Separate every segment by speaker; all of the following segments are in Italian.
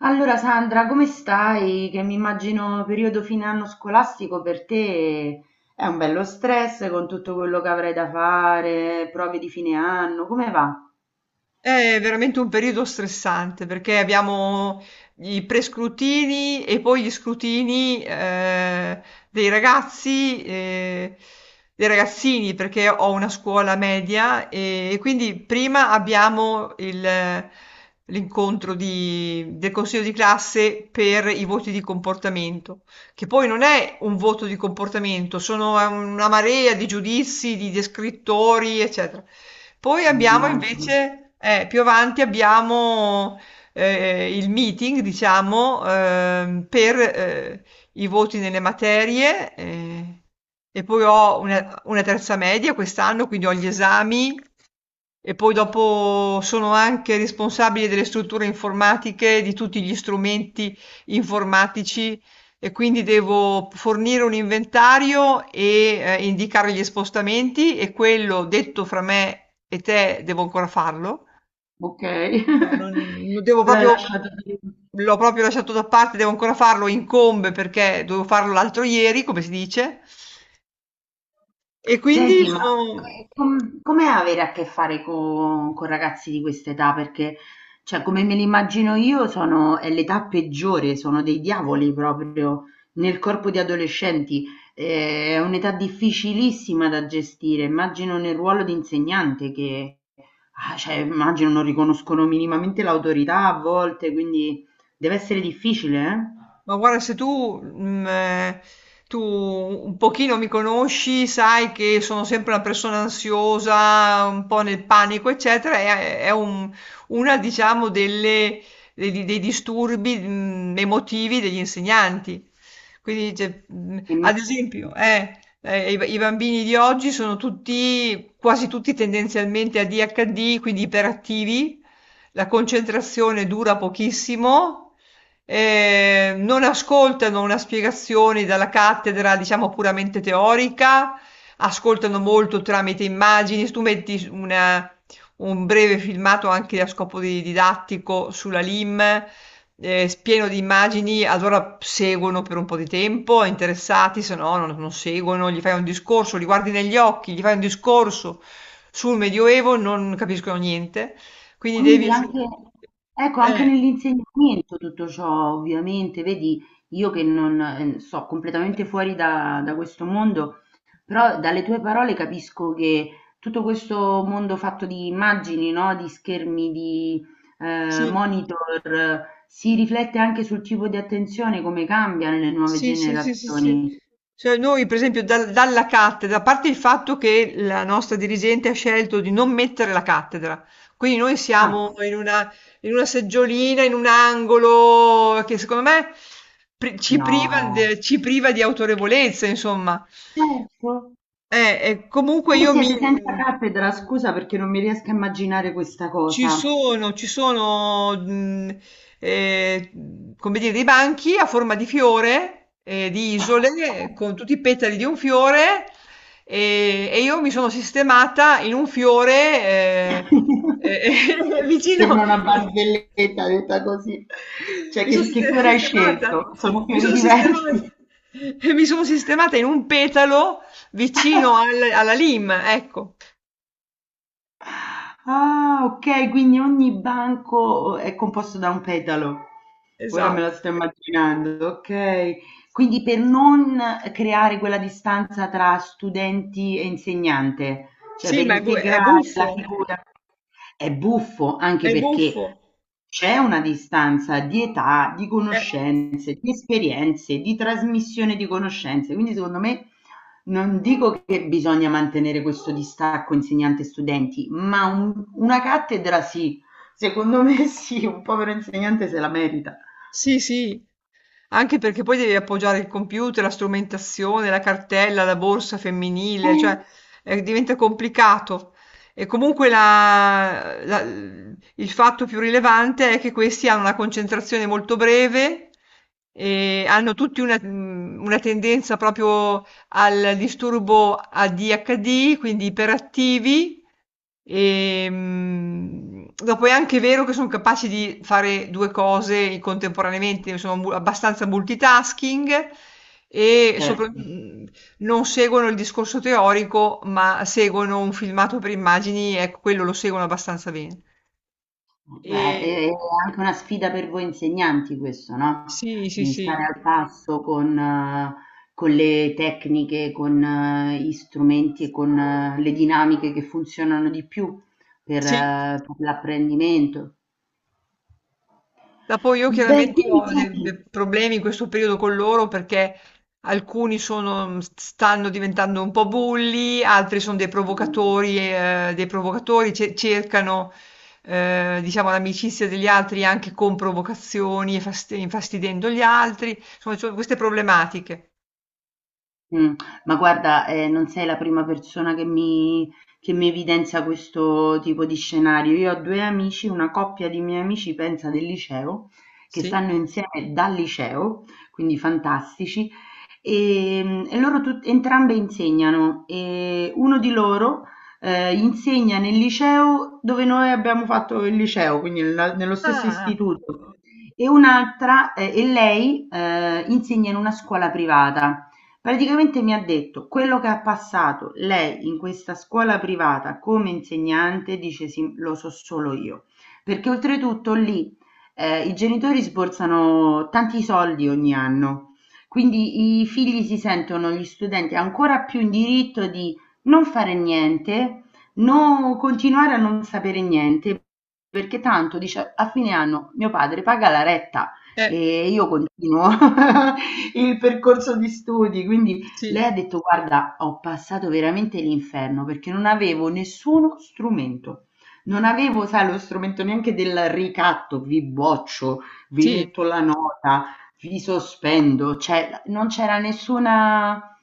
Speaker 1: Allora Sandra, come stai? Che mi immagino periodo fine anno scolastico per te è un bello stress con tutto quello che avrai da fare, prove di fine anno, come va?
Speaker 2: È veramente un periodo stressante perché abbiamo i prescrutini e poi gli scrutini dei ragazzi, dei ragazzini, perché ho una scuola media e quindi prima abbiamo l'incontro del consiglio di classe per i voti di comportamento, che poi non è un voto di comportamento, sono una marea di giudizi, di descrittori, eccetera. Poi abbiamo
Speaker 1: Immagino.
Speaker 2: invece, più avanti abbiamo il meeting, diciamo, per i voti nelle materie e poi ho una terza media quest'anno, quindi ho gli esami e poi dopo sono anche responsabile delle strutture informatiche, di tutti gli strumenti informatici e quindi devo fornire un inventario e indicare gli spostamenti e quello detto fra me e te devo ancora farlo.
Speaker 1: Ok.
Speaker 2: Non devo
Speaker 1: L'hai
Speaker 2: proprio,
Speaker 1: lasciato lì.
Speaker 2: l'ho proprio lasciato da parte, devo ancora farlo, incombe perché dovevo farlo l'altro ieri, come si dice. E quindi
Speaker 1: Senti, ma
Speaker 2: sono.
Speaker 1: com'è avere a che fare con ragazzi di questa età? Perché, cioè, come me li immagino io, sono, è l'età peggiore, sono dei diavoli proprio nel corpo di adolescenti. È un'età difficilissima da gestire. Immagino nel ruolo di insegnante che, cioè, immagino non riconoscono minimamente l'autorità a volte, quindi deve essere difficile,
Speaker 2: Ma guarda, se tu, tu un pochino mi conosci, sai che sono sempre una persona ansiosa, un po' nel panico, eccetera, è una, diciamo, dei, dei disturbi, emotivi degli insegnanti. Quindi, cioè,
Speaker 1: eh?
Speaker 2: ad esempio, i bambini di oggi sono tutti, quasi tutti tendenzialmente ADHD, quindi iperattivi, la concentrazione dura pochissimo non ascoltano una spiegazione dalla cattedra, diciamo puramente teorica, ascoltano molto tramite immagini. Se tu metti un breve filmato anche a scopo didattico sulla LIM, pieno di immagini, allora seguono per un po' di tempo, interessati, se no non seguono, gli fai un discorso, li guardi negli occhi, gli fai un discorso sul Medioevo, non capiscono niente. Quindi devi...
Speaker 1: Quindi anche, ecco, anche
Speaker 2: Eh,
Speaker 1: nell'insegnamento tutto ciò ovviamente, vedi, io che non so completamente fuori da questo mondo, però dalle tue parole capisco che tutto questo mondo fatto di immagini, no? Di schermi, di
Speaker 2: sì.
Speaker 1: monitor, si riflette anche sul tipo di attenzione, come cambia nelle nuove
Speaker 2: Sì, sì, sì, sì, sì.
Speaker 1: generazioni.
Speaker 2: Cioè noi per esempio dalla cattedra, a parte il fatto che la nostra dirigente ha scelto di non mettere la cattedra, quindi noi
Speaker 1: Ah,
Speaker 2: siamo in una seggiolina, in un angolo che secondo me ci priva,
Speaker 1: no,
Speaker 2: ci priva di autorevolezza, insomma.
Speaker 1: certo.
Speaker 2: E comunque
Speaker 1: Voi
Speaker 2: io mi...
Speaker 1: siete senza cattedra, scusa perché non mi riesco a immaginare questa cosa.
Speaker 2: Ci sono, eh, come dire, dei banchi a forma di fiore, di isole, con tutti i petali di un fiore, e io mi sono sistemata in un fiore, eh, eh, vicino,
Speaker 1: Sembra una barzelletta detta così. Cioè
Speaker 2: mi sono
Speaker 1: che
Speaker 2: siste-
Speaker 1: fiore hai
Speaker 2: sistemata,
Speaker 1: scelto? Sono
Speaker 2: mi
Speaker 1: fiori
Speaker 2: sono
Speaker 1: diversi.
Speaker 2: sistemata, mi sono sistemata in un petalo vicino alla lima, ecco,
Speaker 1: Ah, ok, quindi ogni banco è composto da un petalo. Ora me lo
Speaker 2: esatto.
Speaker 1: sto immaginando, ok. Quindi per non creare quella distanza tra studenti e insegnante, cioè
Speaker 2: Sì,
Speaker 1: per
Speaker 2: ma è
Speaker 1: integrare la
Speaker 2: buffo,
Speaker 1: figura, è buffo anche
Speaker 2: è
Speaker 1: perché
Speaker 2: buffo.
Speaker 1: c'è una distanza di età, di
Speaker 2: Eh,
Speaker 1: conoscenze, di esperienze, di trasmissione di conoscenze, quindi secondo me non dico che bisogna mantenere questo distacco insegnante-studenti, ma una cattedra sì, secondo me sì, un povero insegnante se la merita.
Speaker 2: sì, sì, anche perché poi devi appoggiare il computer, la strumentazione, la cartella, la borsa femminile, cioè diventa complicato. E comunque il fatto più rilevante è che questi hanno una concentrazione molto breve e hanno tutti una tendenza proprio al disturbo ADHD, quindi iperattivi. E, dopo è anche vero che sono capaci di fare due cose contemporaneamente, sono abbastanza multitasking e
Speaker 1: Certo.
Speaker 2: non seguono il discorso teorico, ma seguono un filmato per immagini, ecco, quello lo seguono abbastanza bene. E...
Speaker 1: Beh, è anche una sfida per voi insegnanti questo, no,
Speaker 2: Sì, sì,
Speaker 1: di stare
Speaker 2: sì.
Speaker 1: al passo con le tecniche, con gli strumenti e con le dinamiche che funzionano di più
Speaker 2: Sì,
Speaker 1: per l'apprendimento.
Speaker 2: ma poi io
Speaker 1: Beh,
Speaker 2: chiaramente
Speaker 1: quindi
Speaker 2: ho dei
Speaker 1: senti.
Speaker 2: problemi in questo periodo con loro perché stanno diventando un po' bulli, altri sono dei provocatori cercano, diciamo, l'amicizia degli altri anche con provocazioni e infastidendo gli altri. Insomma, ci sono queste problematiche.
Speaker 1: Mh. Ma guarda, non sei la prima persona che mi evidenzia questo tipo di scenario. Io ho 2 amici, una coppia di miei amici, pensa, del liceo, che
Speaker 2: Sì.
Speaker 1: stanno insieme dal liceo, quindi fantastici, e loro tut entrambe insegnano, e uno di loro, insegna nel liceo dove noi abbiamo fatto il liceo, quindi nella nello stesso
Speaker 2: Ah,
Speaker 1: istituto, e un'altra e lei, insegna in una scuola privata. Praticamente mi ha detto: quello che ha passato lei in questa scuola privata come insegnante, dice sì, lo so solo io. Perché oltretutto lì i genitori sborsano tanti soldi ogni anno, quindi i figli si sentono, gli studenti, ancora più in diritto di non fare niente, non continuare a non sapere niente, perché tanto dice a fine anno mio padre paga la retta.
Speaker 2: eh,
Speaker 1: E io continuo il percorso di studi, quindi lei
Speaker 2: sì,
Speaker 1: ha detto: Guarda, ho passato veramente l'inferno perché non avevo nessuno strumento. Non avevo, sai, lo strumento neanche del ricatto, vi boccio, vi
Speaker 2: sì,
Speaker 1: metto la nota, vi sospendo, cioè non c'era nessuna,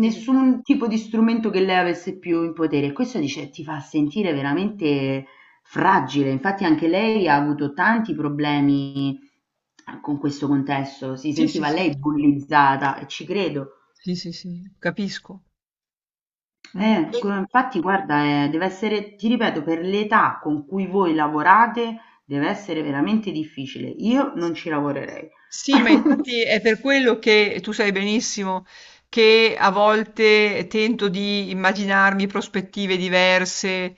Speaker 2: sì,
Speaker 1: tipo di strumento che lei avesse più in potere. Questo dice, ti fa sentire veramente fragile, infatti anche lei ha avuto tanti problemi con questo contesto, si
Speaker 2: sì, sì,
Speaker 1: sentiva
Speaker 2: sì,
Speaker 1: lei bullizzata e ci credo.
Speaker 2: sì, sì, sì, capisco. Mm. E...
Speaker 1: Infatti guarda, deve essere, ti ripeto, per l'età con cui voi lavorate deve essere veramente difficile. Io non ci lavorerei.
Speaker 2: sì, ma infatti è per quello che tu sai benissimo che a volte tento di immaginarmi prospettive diverse.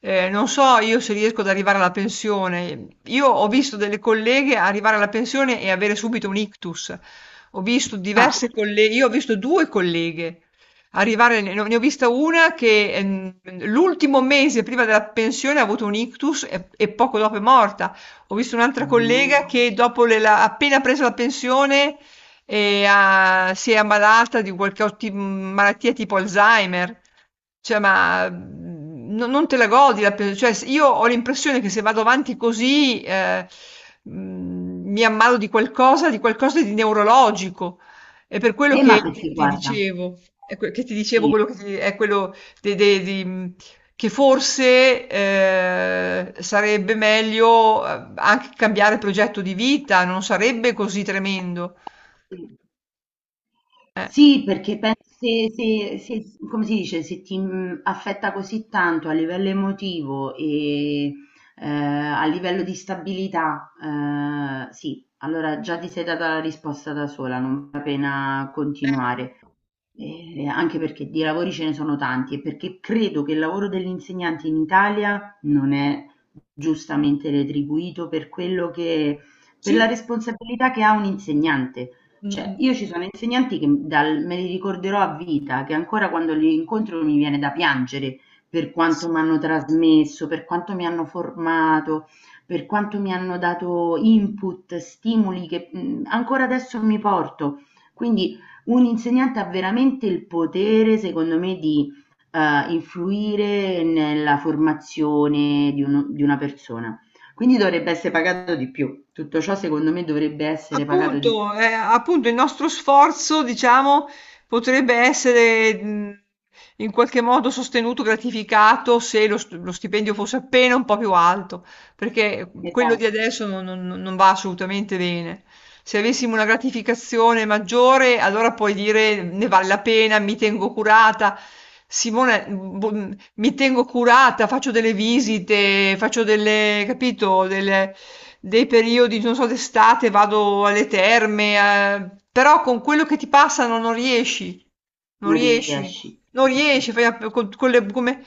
Speaker 2: Non so io se riesco ad arrivare alla pensione. Io ho visto delle colleghe arrivare alla pensione e avere subito un ictus. Ho visto
Speaker 1: Ah,
Speaker 2: diverse colleghe, io ho visto due colleghe arrivare, ne ho vista una che l'ultimo mese prima della pensione ha avuto un ictus e poco dopo è morta. Ho visto un'altra collega
Speaker 1: mm.
Speaker 2: che dopo le la appena preso la pensione e si è ammalata di qualche malattia tipo Alzheimer. Cioè, ma non te la godi cioè, io ho l'impressione che se vado avanti così mi ammalo di qualcosa, di qualcosa di neurologico. È per quello che
Speaker 1: Ma perché
Speaker 2: ti
Speaker 1: guarda,
Speaker 2: dicevo, è que- che ti dicevo
Speaker 1: sì,
Speaker 2: quello che ti- è quello dei che forse, sarebbe meglio, anche cambiare progetto di vita, non sarebbe così tremendo.
Speaker 1: sì.
Speaker 2: Eh.
Speaker 1: Sì, perché penso se- se- come si dice, se ti affetta così tanto a livello emotivo e a livello di stabilità, sì, allora già ti sei data la risposta da sola, non vale la pena
Speaker 2: Eh,
Speaker 1: continuare. Anche perché di lavori ce ne sono tanti e perché credo che il lavoro dell'insegnante in Italia non è giustamente retribuito per quello che, per la
Speaker 2: sì.
Speaker 1: responsabilità che ha un insegnante. Cioè,
Speaker 2: Mh-mh.
Speaker 1: io ci sono insegnanti che me li ricorderò a vita, che ancora quando li incontro mi viene da piangere per quanto mi
Speaker 2: Sì.
Speaker 1: hanno trasmesso, per quanto mi hanno formato, per quanto mi hanno dato input, stimoli che ancora adesso mi porto. Quindi un insegnante ha veramente il potere, secondo me, di influire nella formazione di di una persona. Quindi dovrebbe essere pagato di più. Tutto ciò, secondo me, dovrebbe essere pagato di più.
Speaker 2: Appunto, appunto il nostro sforzo, diciamo, potrebbe essere in qualche modo sostenuto, gratificato se lo, lo stipendio fosse appena un po' più alto, perché quello di
Speaker 1: Esatto,
Speaker 2: adesso non va assolutamente bene. Se avessimo una gratificazione maggiore, allora puoi dire ne vale la pena, mi tengo curata. Simone, boh, mi tengo curata, faccio delle visite, faccio delle, capito, dei periodi, non so, d'estate vado alle terme, però con quello che ti passano non riesci, non
Speaker 1: non
Speaker 2: riesci,
Speaker 1: riesci.
Speaker 2: non riesci, fai con come,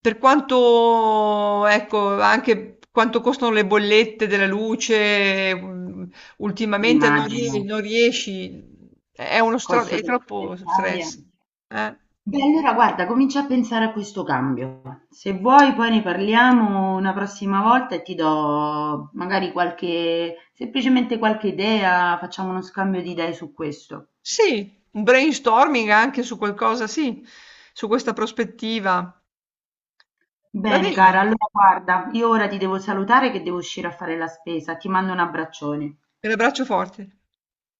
Speaker 2: per quanto, ecco, anche quanto costano le bollette della luce, ultimamente
Speaker 1: Immagino.
Speaker 2: non riesci, è uno
Speaker 1: Costo
Speaker 2: è
Speaker 1: della vita in
Speaker 2: troppo
Speaker 1: Italia.
Speaker 2: stress. Eh?
Speaker 1: Beh, allora guarda, comincia a pensare a questo cambio. Se vuoi, poi ne parliamo una prossima volta e ti do magari qualche, semplicemente qualche idea, facciamo uno scambio di idee su questo.
Speaker 2: Sì, un brainstorming anche su qualcosa, sì, su questa prospettiva. Va
Speaker 1: Bene,
Speaker 2: bene,
Speaker 1: cara, allora guarda, io ora ti devo salutare che devo uscire a fare la spesa. Ti mando un abbraccione.
Speaker 2: te l'abbraccio forte.